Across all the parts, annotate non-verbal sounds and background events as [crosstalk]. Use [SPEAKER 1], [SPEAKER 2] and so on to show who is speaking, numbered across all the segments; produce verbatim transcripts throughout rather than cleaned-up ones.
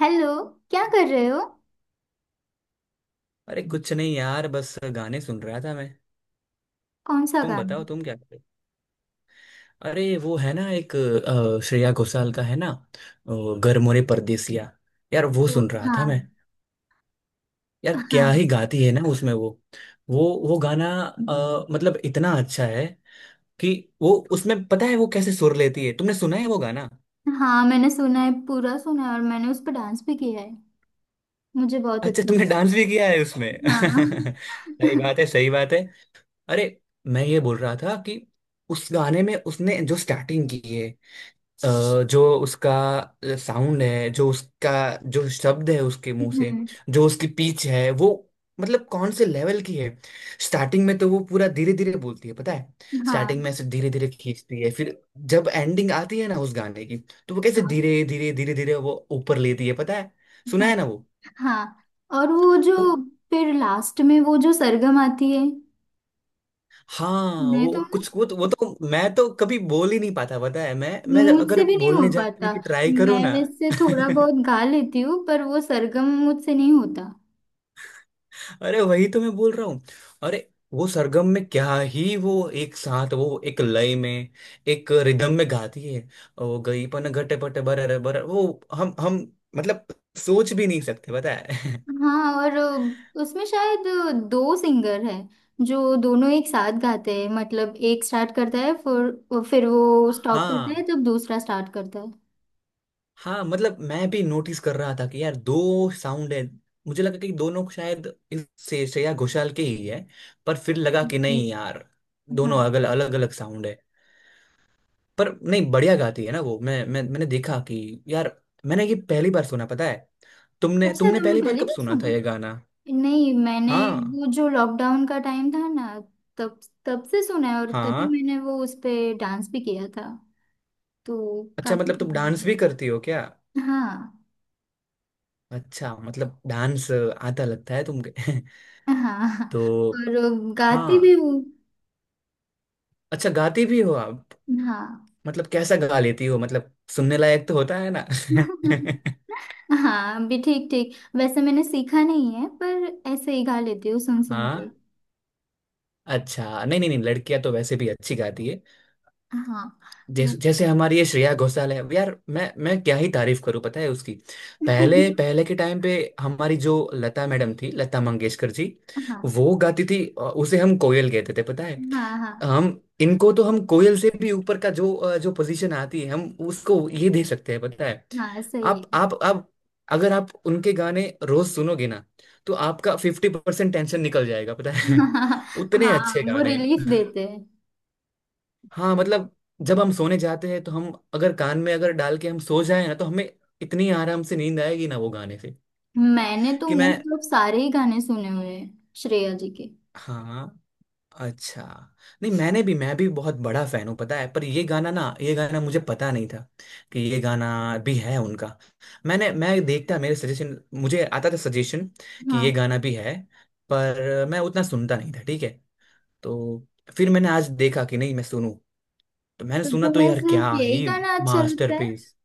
[SPEAKER 1] Hello. क्या कर रहे हो?
[SPEAKER 2] अरे कुछ नहीं यार, बस गाने सुन रहा था मैं।
[SPEAKER 1] कौन सा
[SPEAKER 2] तुम
[SPEAKER 1] गाना?
[SPEAKER 2] बताओ, तुम क्या कर रहे हो? अरे, वो है ना एक अ, श्रेया घोषाल का है ना। अ, घर मोरे परदेसिया यार, वो
[SPEAKER 1] वो-
[SPEAKER 2] सुन रहा था मैं।
[SPEAKER 1] हाँ
[SPEAKER 2] यार क्या ही
[SPEAKER 1] हाँ।
[SPEAKER 2] गाती है ना उसमें वो। वो वो गाना, अ, मतलब इतना अच्छा है कि वो उसमें, पता है, वो कैसे सुर लेती है। तुमने सुना है वो गाना?
[SPEAKER 1] हाँ, मैंने सुना है, पूरा सुना है, और मैंने उस पर डांस भी किया है। मुझे बहुत
[SPEAKER 2] अच्छा,
[SPEAKER 1] अच्छा
[SPEAKER 2] तुमने
[SPEAKER 1] लगा।
[SPEAKER 2] डांस भी किया है उसमें।
[SPEAKER 1] हाँ।
[SPEAKER 2] [laughs] सही बात है, सही बात है। अरे, मैं ये बोल रहा था कि उस गाने में उसने जो स्टार्टिंग की है, अ, जो उसका साउंड है, जो उसका जो शब्द है उसके मुंह से,
[SPEAKER 1] हम्म।
[SPEAKER 2] जो उसकी पीच है वो, मतलब कौन से लेवल की है। स्टार्टिंग में तो वो पूरा धीरे धीरे बोलती है, पता है। स्टार्टिंग
[SPEAKER 1] हाँ।
[SPEAKER 2] में ऐसे धीरे धीरे खींचती है। फिर जब एंडिंग आती है ना उस गाने की, तो वो कैसे
[SPEAKER 1] हाँ।
[SPEAKER 2] धीरे धीरे धीरे धीरे वो ऊपर लेती है, पता है। सुना
[SPEAKER 1] हाँ।
[SPEAKER 2] है ना वो।
[SPEAKER 1] हाँ, और वो जो
[SPEAKER 2] वो-
[SPEAKER 1] फिर लास्ट में वो जो सरगम आती है।
[SPEAKER 2] हाँ
[SPEAKER 1] मैं
[SPEAKER 2] वो
[SPEAKER 1] तो
[SPEAKER 2] कुछ, वो तो, वो तो मैं तो कभी बोल ही नहीं पाता, पता है। मैं मैं
[SPEAKER 1] मुझसे
[SPEAKER 2] अगर
[SPEAKER 1] भी नहीं हो
[SPEAKER 2] बोलने जाने
[SPEAKER 1] पाता।
[SPEAKER 2] की ट्राई करूँ
[SPEAKER 1] मैं
[SPEAKER 2] ना।
[SPEAKER 1] वैसे थोड़ा बहुत
[SPEAKER 2] [laughs]
[SPEAKER 1] गा लेती हूँ, पर वो सरगम मुझसे नहीं होता।
[SPEAKER 2] अरे वही तो मैं बोल रहा हूँ। अरे वो सरगम में क्या ही वो, एक साथ वो एक लय में, एक रिदम में गाती है। वो गई पन घटे पटे बर, अरे बर वो, हम हम मतलब सोच भी नहीं सकते, पता है। [laughs]
[SPEAKER 1] हाँ, और अ, उसमें शायद अ, दो सिंगर हैं, जो दोनों एक साथ गाते हैं। मतलब एक स्टार्ट करता है, फिर फिर वो स्टॉप
[SPEAKER 2] हाँ,
[SPEAKER 1] करता है, तब दूसरा स्टार्ट करता है।
[SPEAKER 2] हाँ मतलब मैं भी नोटिस कर रहा था कि यार दो साउंड है। मुझे लगा कि दोनों शायद इस से श्रेया घोषाल के ही है, पर फिर लगा कि
[SPEAKER 1] जी।
[SPEAKER 2] नहीं यार,
[SPEAKER 1] हाँ,
[SPEAKER 2] दोनों अलग अलग अलग साउंड है। पर नहीं, बढ़िया गाती है ना वो। मैं मैं मैंने देखा कि यार, मैंने ये पहली बार सुना, पता है। तुमने
[SPEAKER 1] अच्छा
[SPEAKER 2] तुमने
[SPEAKER 1] तुमने
[SPEAKER 2] पहली बार
[SPEAKER 1] पहले
[SPEAKER 2] कब
[SPEAKER 1] भी
[SPEAKER 2] सुना
[SPEAKER 1] सुना?
[SPEAKER 2] था ये गाना?
[SPEAKER 1] नहीं, मैंने
[SPEAKER 2] हाँ,
[SPEAKER 1] वो जो लॉकडाउन का टाइम था ना, तब तब से सुना है, और तभी
[SPEAKER 2] हाँ।
[SPEAKER 1] मैंने वो उस पे डांस भी किया था। तो
[SPEAKER 2] अच्छा
[SPEAKER 1] काफी
[SPEAKER 2] मतलब तुम
[SPEAKER 1] पसंद है।
[SPEAKER 2] डांस भी करती हो क्या?
[SPEAKER 1] हाँ।
[SPEAKER 2] अच्छा मतलब डांस आता लगता है तुमके। [laughs]
[SPEAKER 1] हाँ,
[SPEAKER 2] तो
[SPEAKER 1] और गाती भी
[SPEAKER 2] हाँ,
[SPEAKER 1] हूँ।
[SPEAKER 2] अच्छा गाती भी हो आप।
[SPEAKER 1] हाँ।
[SPEAKER 2] मतलब कैसा गा लेती हो? मतलब सुनने लायक तो होता है ना?
[SPEAKER 1] [laughs] हाँ भी, ठीक ठीक, वैसे मैंने सीखा नहीं है, पर ऐसे ही गा लेती हूँ, सुन
[SPEAKER 2] [laughs]
[SPEAKER 1] सुन के।
[SPEAKER 2] हाँ, अच्छा। नहीं नहीं नहीं, लड़कियां तो वैसे भी अच्छी गाती है।
[SPEAKER 1] हाँ। [laughs] वे-
[SPEAKER 2] जैसे जैसे हमारी ये श्रेया घोषाल है यार, मैं मैं क्या ही तारीफ करूं, पता है उसकी। पहले पहले के टाइम पे हमारी जो लता मैडम थी, लता मंगेशकर जी,
[SPEAKER 1] हाँ।
[SPEAKER 2] वो गाती थी। अ, उसे हम कोयल कहते थे, पता है।
[SPEAKER 1] हाँ। हाँ।
[SPEAKER 2] हम इनको तो हम कोयल से भी ऊपर का जो, अ, जो पोजीशन आती है, हम उसको ये दे सकते हैं, पता है।
[SPEAKER 1] हाँ, सही।
[SPEAKER 2] आप आप आप अगर आप उनके गाने रोज सुनोगे ना, तो आपका फिफ्टी परसेंट टेंशन निकल जाएगा, पता
[SPEAKER 1] [laughs]
[SPEAKER 2] है।
[SPEAKER 1] हाँ।
[SPEAKER 2] [laughs] उतने
[SPEAKER 1] हाँ,
[SPEAKER 2] अच्छे
[SPEAKER 1] वो
[SPEAKER 2] गाने।
[SPEAKER 1] रिलीफ देते हैं।
[SPEAKER 2] हाँ मतलब जब हम सोने जाते हैं, तो हम अगर कान में, अगर डाल के हम सो जाए ना, तो हमें इतनी आराम से नींद आएगी ना वो गाने से
[SPEAKER 1] मैंने तो
[SPEAKER 2] कि मैं।
[SPEAKER 1] मोस्ट ऑफ सारे ही गाने सुने हुए हैं श्रेया जी के।
[SPEAKER 2] हाँ, अच्छा। नहीं, मैंने भी मैं भी बहुत बड़ा फैन हूँ, पता है। पर ये गाना ना, ये गाना मुझे पता नहीं था कि ये गाना भी है उनका। मैंने मैं देखता, मेरे सजेशन मुझे आता था, सजेशन कि
[SPEAKER 1] हाँ।
[SPEAKER 2] ये गाना भी है, पर मैं उतना सुनता नहीं था। ठीक है तो फिर मैंने आज देखा कि नहीं, मैं सुनूं। तो मैंने
[SPEAKER 1] तो
[SPEAKER 2] सुना तो
[SPEAKER 1] तुम्हें
[SPEAKER 2] यार
[SPEAKER 1] सिर्फ
[SPEAKER 2] क्या
[SPEAKER 1] यही
[SPEAKER 2] ही
[SPEAKER 1] गाना अच्छा लगता है?
[SPEAKER 2] मास्टरपीस।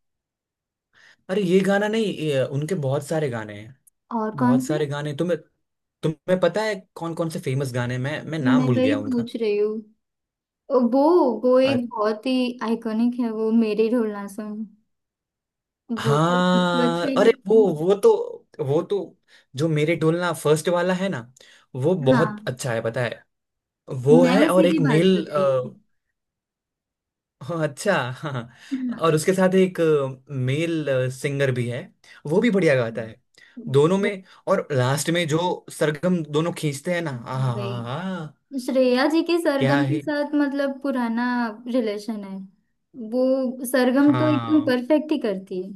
[SPEAKER 2] अरे ये गाना नहीं, ये, उनके बहुत सारे गाने हैं।
[SPEAKER 1] और कौन
[SPEAKER 2] बहुत
[SPEAKER 1] से?
[SPEAKER 2] सारे गाने तुम्हें तुम्हें पता है कौन कौन से फेमस गाने हैं? मैं मैं नाम
[SPEAKER 1] मैं
[SPEAKER 2] भूल
[SPEAKER 1] वही
[SPEAKER 2] गया उनका।
[SPEAKER 1] पूछ रही हूँ। वो वो
[SPEAKER 2] अ-
[SPEAKER 1] एक बहुत ही आइकॉनिक है, वो मेरे ढोलना सुन, वो तो सबको
[SPEAKER 2] हाँ।
[SPEAKER 1] अच्छा ही
[SPEAKER 2] अरे
[SPEAKER 1] लगता
[SPEAKER 2] वो
[SPEAKER 1] है।
[SPEAKER 2] वो तो वो तो जो मेरे डोलना फर्स्ट वाला है ना, वो बहुत
[SPEAKER 1] हाँ,
[SPEAKER 2] अच्छा है, पता है। वो
[SPEAKER 1] मैं
[SPEAKER 2] है और
[SPEAKER 1] उसी
[SPEAKER 2] एक
[SPEAKER 1] की बात
[SPEAKER 2] मेल।
[SPEAKER 1] कर रही हूँ।
[SPEAKER 2] हाँ, [laughs] अच्छा, हाँ।
[SPEAKER 1] हाँ।
[SPEAKER 2] और उसके साथ एक मेल सिंगर भी है, वो भी बढ़िया गाता है दोनों में। और लास्ट में जो सरगम दोनों खींचते हैं ना,
[SPEAKER 1] हाँ भाई,
[SPEAKER 2] आहा
[SPEAKER 1] श्रेया जी के
[SPEAKER 2] क्या
[SPEAKER 1] सरगम के
[SPEAKER 2] है।
[SPEAKER 1] साथ मतलब पुराना रिलेशन है। वो सरगम तो एकदम
[SPEAKER 2] हाँ,
[SPEAKER 1] परफेक्ट ही करती है।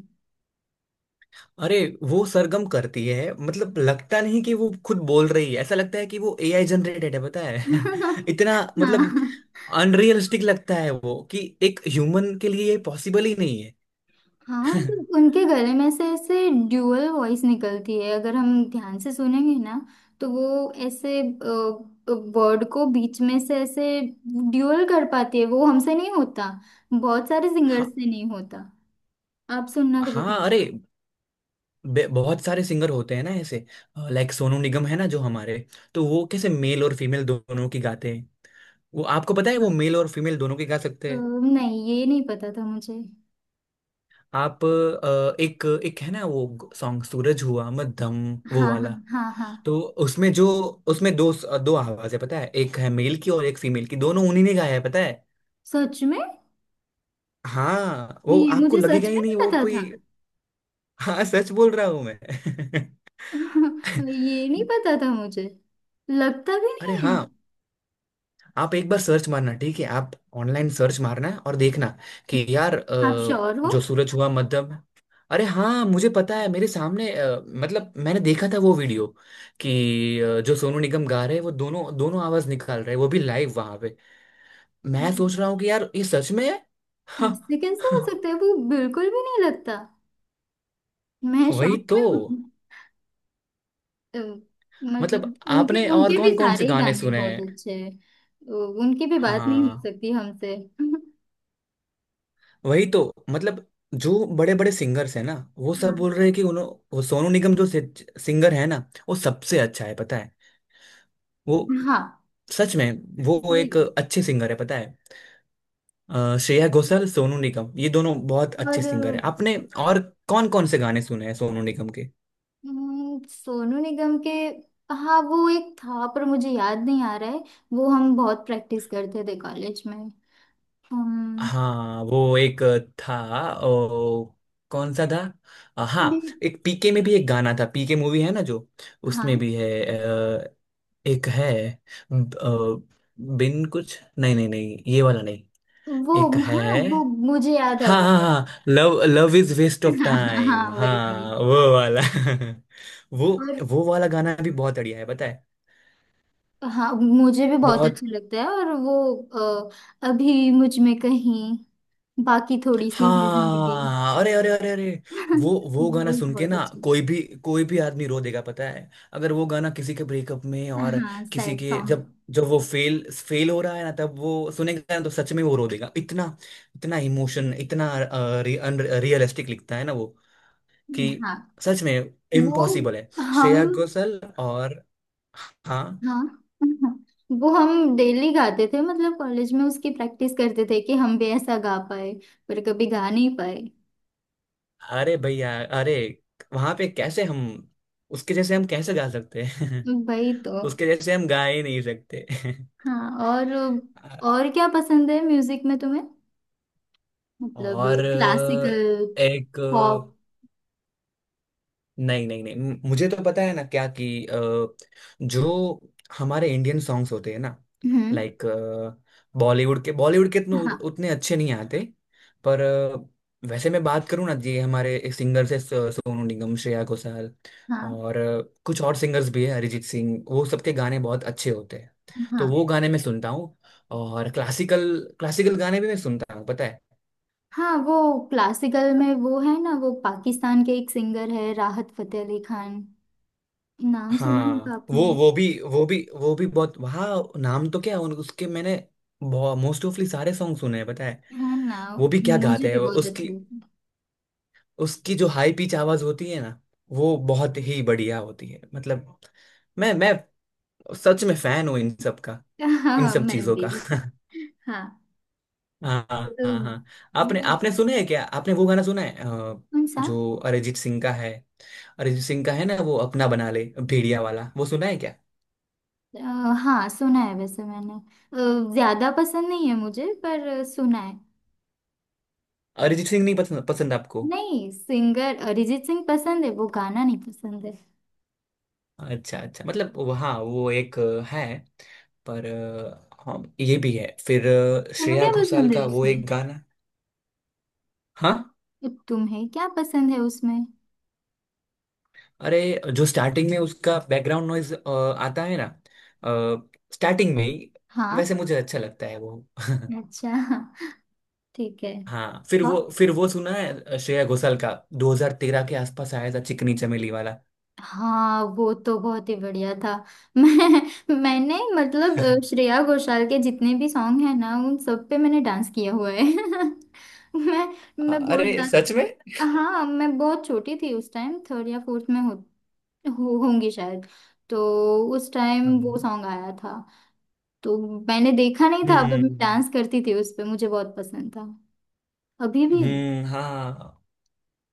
[SPEAKER 2] अरे वो सरगम करती है मतलब लगता नहीं कि वो खुद बोल रही है, ऐसा लगता है कि वो ए आई जनरेटेड है, पता है। [laughs]
[SPEAKER 1] [laughs]
[SPEAKER 2] इतना मतलब,
[SPEAKER 1] हाँ।
[SPEAKER 2] अनरियलिस्टिक लगता है वो कि एक ह्यूमन के लिए ये पॉसिबल ही नहीं है।
[SPEAKER 1] हाँ, मतलब
[SPEAKER 2] [laughs]
[SPEAKER 1] उनके गले में से ऐसे ड्यूअल वॉइस निकलती है, अगर हम ध्यान से सुनेंगे ना, तो वो ऐसे वर्ड को बीच में से ऐसे ड्यूअल कर पाती है। वो हमसे नहीं होता, बहुत सारे सिंगर्स
[SPEAKER 2] हाँ,
[SPEAKER 1] से नहीं होता। आप सुनना कभी।
[SPEAKER 2] हाँ अरे, बे- बहुत सारे सिंगर होते हैं ना ऐसे, लाइक सोनू निगम है ना जो हमारे। तो वो कैसे मेल और फीमेल दोनों की गाते हैं। वो आपको पता है, वो
[SPEAKER 1] हाँ,
[SPEAKER 2] मेल और फीमेल दोनों की गा
[SPEAKER 1] अ,
[SPEAKER 2] सकते हैं।
[SPEAKER 1] नहीं ये नहीं पता था मुझे।
[SPEAKER 2] आप, अ, एक एक है ना वो सॉन्ग, सूरज हुआ मध्यम, वो
[SPEAKER 1] हाँ।
[SPEAKER 2] वाला।
[SPEAKER 1] हाँ। हाँ। हाँ,
[SPEAKER 2] तो उसमें जो, उसमें दो दो आवाज है, पता है। एक है मेल की और एक फीमेल की, दोनों उन्हीं ने गाया है, पता है।
[SPEAKER 1] सच में,
[SPEAKER 2] हाँ वो
[SPEAKER 1] ये
[SPEAKER 2] आपको
[SPEAKER 1] मुझे सच
[SPEAKER 2] लगेगा
[SPEAKER 1] में
[SPEAKER 2] ही
[SPEAKER 1] नहीं
[SPEAKER 2] नहीं वो
[SPEAKER 1] पता
[SPEAKER 2] कोई।
[SPEAKER 1] था।
[SPEAKER 2] हाँ, सच बोल रहा हूँ मैं। [laughs]
[SPEAKER 1] [laughs] ये नहीं पता था मुझे, लगता भी
[SPEAKER 2] अरे
[SPEAKER 1] नहीं
[SPEAKER 2] हाँ, आप एक बार सर्च मारना, ठीक है आप। ऑनलाइन सर्च मारना और देखना कि यार,
[SPEAKER 1] है। आप
[SPEAKER 2] अ,
[SPEAKER 1] श्योर हो?
[SPEAKER 2] जो सूरज हुआ मध्यम। अरे हाँ, मुझे पता है। मेरे सामने, अ, मतलब मैंने देखा था वो वीडियो कि अ, जो सोनू निगम गा रहे हैं, वो दोनों दोनों आवाज निकाल रहे हैं, वो भी लाइव वहां पे। मैं
[SPEAKER 1] हम्म।
[SPEAKER 2] सोच रहा हूँ कि यार ये सच में है। हाँ,
[SPEAKER 1] ऐसे कैसे हो
[SPEAKER 2] हाँ,
[SPEAKER 1] सकता है, वो बिल्कुल भी नहीं लगता। मैं
[SPEAKER 2] वही
[SPEAKER 1] शॉक
[SPEAKER 2] तो।
[SPEAKER 1] में हूँ। अ,
[SPEAKER 2] मतलब
[SPEAKER 1] मतलब उनके
[SPEAKER 2] आपने और
[SPEAKER 1] उनके भी
[SPEAKER 2] कौन कौन
[SPEAKER 1] सारे
[SPEAKER 2] से
[SPEAKER 1] ही
[SPEAKER 2] गाने
[SPEAKER 1] गाने
[SPEAKER 2] सुने
[SPEAKER 1] बहुत
[SPEAKER 2] हैं?
[SPEAKER 1] अच्छे हैं। अ, उनकी भी बात नहीं हो
[SPEAKER 2] हाँ
[SPEAKER 1] सकती हमसे। [laughs]
[SPEAKER 2] वही तो मतलब, जो बड़े बड़े सिंगर्स हैं ना, वो सब
[SPEAKER 1] हाँ।
[SPEAKER 2] बोल रहे हैं कि उन्हों। वो सोनू निगम जो सिंगर है ना, वो सबसे अच्छा है, पता है। वो,
[SPEAKER 1] हाँ,
[SPEAKER 2] सच में, वो
[SPEAKER 1] सही
[SPEAKER 2] एक
[SPEAKER 1] है।
[SPEAKER 2] अच्छे सिंगर है, पता है। अ, श्रेया घोषाल, सोनू निगम, ये दोनों बहुत अच्छे
[SPEAKER 1] और
[SPEAKER 2] सिंगर है। आपने और कौन कौन से गाने सुने हैं सोनू निगम के?
[SPEAKER 1] हम्म, सोनू निगम के। हाँ, वो एक था पर मुझे याद नहीं आ रहा है। वो हम बहुत प्रैक्टिस करते थे कॉलेज में। हम।
[SPEAKER 2] हाँ वो एक था। ओ, कौन सा था? अ,
[SPEAKER 1] अभी।
[SPEAKER 2] हाँ, एक पी के में भी एक गाना था, पी के मूवी है ना जो, उसमें
[SPEAKER 1] हाँ।
[SPEAKER 2] भी है। एक है। ब- अ, बिन कुछ, नहीं नहीं नहीं, ये वाला नहीं।
[SPEAKER 1] वो।
[SPEAKER 2] एक है।
[SPEAKER 1] हाँ, वो मुझे याद आ
[SPEAKER 2] हाँ हाँ
[SPEAKER 1] गया।
[SPEAKER 2] हाँ, love love is waste
[SPEAKER 1] [laughs]
[SPEAKER 2] of
[SPEAKER 1] हाँ, हाँ,
[SPEAKER 2] टाइम,
[SPEAKER 1] हाँ, वही वही।
[SPEAKER 2] हाँ वो वाला। [laughs] वो
[SPEAKER 1] और
[SPEAKER 2] वो वाला गाना भी बहुत बढ़िया है, पता है।
[SPEAKER 1] हाँ, मुझे भी बहुत
[SPEAKER 2] बहुत।
[SPEAKER 1] अच्छा लगता है। और वो अ, अभी मुझ में कहीं, बाकी थोड़ी सी है जिंदगी।
[SPEAKER 2] हाँ, अरे अरे अरे अरे, वो
[SPEAKER 1] [laughs]
[SPEAKER 2] वो गाना
[SPEAKER 1] वो
[SPEAKER 2] सुन के
[SPEAKER 1] बहुत
[SPEAKER 2] ना,
[SPEAKER 1] अच्छी।
[SPEAKER 2] कोई भी, कोई भी आदमी रो देगा, पता है। अगर वो गाना किसी के ब्रेकअप में, और
[SPEAKER 1] हाँ,
[SPEAKER 2] किसी
[SPEAKER 1] सैड
[SPEAKER 2] के
[SPEAKER 1] सॉन्ग।
[SPEAKER 2] जब, जब वो फेल फेल हो रहा है ना, तब वो सुनेगा ना तो सच में वो रो देगा। इतना, इतना इमोशन, इतना रियलिस्टिक लिखता है ना वो कि,
[SPEAKER 1] हाँ,
[SPEAKER 2] सच में
[SPEAKER 1] वो
[SPEAKER 2] इम्पॉसिबल है
[SPEAKER 1] हम,
[SPEAKER 2] श्रेया घोषाल। और। हाँ,
[SPEAKER 1] हाँ। [laughs] वो हम डेली गाते थे, मतलब कॉलेज में उसकी प्रैक्टिस करते थे कि हम भी ऐसा गा पाए, पर कभी गा नहीं पाए।
[SPEAKER 2] अरे भैया। अरे वहां पे कैसे हम, उसके जैसे हम कैसे गा सकते हैं?
[SPEAKER 1] वही तो।
[SPEAKER 2] उसके जैसे हम गा ही नहीं सकते।
[SPEAKER 1] हाँ, और
[SPEAKER 2] [laughs]
[SPEAKER 1] और क्या पसंद है म्यूजिक में तुम्हें? मतलब
[SPEAKER 2] और
[SPEAKER 1] क्लासिकल,
[SPEAKER 2] अ, एक।
[SPEAKER 1] पॉप?
[SPEAKER 2] नहीं नहीं नहीं, म- मुझे तो पता है ना क्या कि अ, जो हमारे इंडियन सॉन्ग्स होते हैं ना,
[SPEAKER 1] हम्म।
[SPEAKER 2] लाइक बॉलीवुड के, बॉलीवुड के इतने
[SPEAKER 1] हाँ।
[SPEAKER 2] उतने अच्छे नहीं आते। पर अ, वैसे मैं बात करूँ ना जी, हमारे सिंगर्स है सोनू निगम, श्रेया घोषाल
[SPEAKER 1] हाँ।
[SPEAKER 2] और अ, कुछ और सिंगर्स भी है, अरिजीत सिंह, वो सबके गाने बहुत अच्छे होते हैं।
[SPEAKER 1] हाँ।
[SPEAKER 2] तो वो गाने मैं सुनता हूँ। और क्लासिकल, क्लासिकल गाने भी मैं सुनता हूँ, पता है।
[SPEAKER 1] हाँ, वो क्लासिकल में वो है ना, वो पाकिस्तान के एक सिंगर है, राहत फतेह अली खान, नाम सुना
[SPEAKER 2] हाँ,
[SPEAKER 1] होगा आपने।
[SPEAKER 2] वो वो भी वो भी वो भी बहुत वहाँ, नाम तो क्या, उन उसके मैंने मोस्ट ऑफली सारे सॉन्ग सुने हैं, पता है।
[SPEAKER 1] है ना,
[SPEAKER 2] वो भी क्या
[SPEAKER 1] मुझे
[SPEAKER 2] गाते हैं,
[SPEAKER 1] भी
[SPEAKER 2] वो
[SPEAKER 1] बहुत
[SPEAKER 2] उसकी,
[SPEAKER 1] अच्छा लगता है।
[SPEAKER 2] उसकी जो हाई पिच आवाज होती है ना, वो बहुत ही बढ़िया होती है। मतलब मैं मैं सच में फैन हूँ इन सब का, इन
[SPEAKER 1] हाँ,
[SPEAKER 2] सब
[SPEAKER 1] मैं
[SPEAKER 2] चीजों का।
[SPEAKER 1] भी।
[SPEAKER 2] [laughs]
[SPEAKER 1] हाँ।
[SPEAKER 2] हाँ
[SPEAKER 1] तो
[SPEAKER 2] हाँ हाँ,
[SPEAKER 1] वो
[SPEAKER 2] आपने आपने सुना है क्या, आपने वो गाना सुना है अ,
[SPEAKER 1] कौन सा?
[SPEAKER 2] जो अरिजीत सिंह का है, अरिजीत सिंह का है ना, वो अपना बना ले भेड़िया वाला, वो सुना है क्या?
[SPEAKER 1] अ, हाँ, सुना है वैसे मैंने। अ, ज्यादा पसंद नहीं है मुझे, पर अ, सुना है।
[SPEAKER 2] अरिजीत सिंह नहीं पसंद? पसंद आपको?
[SPEAKER 1] नहीं, सिंगर अरिजीत सिंह पसंद है, वो गाना नहीं पसंद है।
[SPEAKER 2] अच्छा, अच्छा, मतलब वो- हाँ, वो एक अ, है। पर अ, हाँ ये भी है। फिर अ,
[SPEAKER 1] तुम्हें
[SPEAKER 2] श्रेया
[SPEAKER 1] क्या
[SPEAKER 2] घोषाल
[SPEAKER 1] पसंद है
[SPEAKER 2] का वो
[SPEAKER 1] उसमें?
[SPEAKER 2] एक गाना। हाँ,
[SPEAKER 1] तुम्हें क्या पसंद है उसमें?
[SPEAKER 2] अरे जो स्टार्टिंग में उसका बैकग्राउंड नॉइज आता है ना, स्टार्टिंग में ही
[SPEAKER 1] हाँ।
[SPEAKER 2] वैसे मुझे अच्छा लगता है वो। [laughs]
[SPEAKER 1] अच्छा। ठीक है।
[SPEAKER 2] हाँ, फिर
[SPEAKER 1] हाँ।
[SPEAKER 2] वो फिर वो सुना है श्रेया घोषाल का, दो हज़ार तेरह के आसपास आया था, चिकनी चमेली वाला।
[SPEAKER 1] हाँ, वो तो बहुत ही बढ़िया था। [laughs] मैं मैंने मतलब अ,
[SPEAKER 2] [laughs]
[SPEAKER 1] श्रेया घोषाल के जितने भी सॉन्ग हैं ना, उन सब पे मैंने डांस किया हुआ है। [laughs] मैं मैं बहुत
[SPEAKER 2] अरे
[SPEAKER 1] डांस।
[SPEAKER 2] सच में।
[SPEAKER 1] हाँ, मैं बहुत छोटी थी उस टाइम, थर्ड या फोर्थ में हो, हो होंगी शायद। तो उस टाइम वो
[SPEAKER 2] हम्म,
[SPEAKER 1] सॉन्ग आया था। तो मैंने देखा नहीं था, पर मैं
[SPEAKER 2] हम्म,
[SPEAKER 1] डांस करती थी उस पे, मुझे बहुत पसंद था। अभी भी।
[SPEAKER 2] हम्म, हाँ।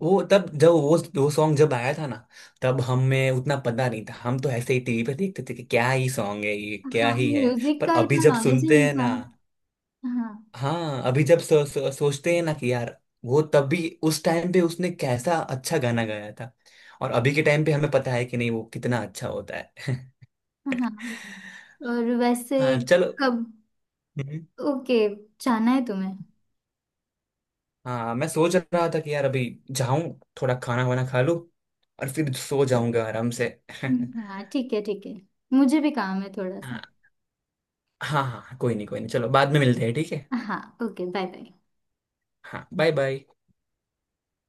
[SPEAKER 2] वो, तब जब वो वो सॉन्ग जब आया था ना, तब हमें उतना पता नहीं था। हम तो ऐसे ही टीवी पे देखते थे कि क्या ही सॉन्ग है ये,
[SPEAKER 1] हाँ।
[SPEAKER 2] क्या ही है।
[SPEAKER 1] म्यूजिक
[SPEAKER 2] पर
[SPEAKER 1] का
[SPEAKER 2] अभी
[SPEAKER 1] इतना
[SPEAKER 2] जब
[SPEAKER 1] नॉलेज ही
[SPEAKER 2] सुनते
[SPEAKER 1] नहीं
[SPEAKER 2] हैं ना।
[SPEAKER 1] था। हाँ।
[SPEAKER 2] हाँ, अभी जब सो, सो, सोचते हैं ना कि यार, वो तभी उस टाइम पे उसने कैसा अच्छा गाना गाया था। और अभी के टाइम पे हमें पता है कि नहीं, वो कितना अच्छा होता है।
[SPEAKER 1] हाँ, और
[SPEAKER 2] [laughs]
[SPEAKER 1] वैसे
[SPEAKER 2] हाँ, चलो।
[SPEAKER 1] कब?
[SPEAKER 2] हम्म,
[SPEAKER 1] ओके। जाना है तुम्हें?
[SPEAKER 2] हाँ मैं सोच रहा था कि यार अभी जाऊं, थोड़ा खाना वाना खा लूं, और फिर सो जाऊंगा आराम से। [laughs]
[SPEAKER 1] हाँ, ठीक है, ठीक है। मुझे भी काम है थोड़ा सा।
[SPEAKER 2] हाँ हाँ हाँ हाँ, कोई नहीं, कोई नहीं, चलो बाद में मिलते हैं, ठीक है।
[SPEAKER 1] हाँ, ओके। Bye bye.
[SPEAKER 2] हाँ, बाय बाय।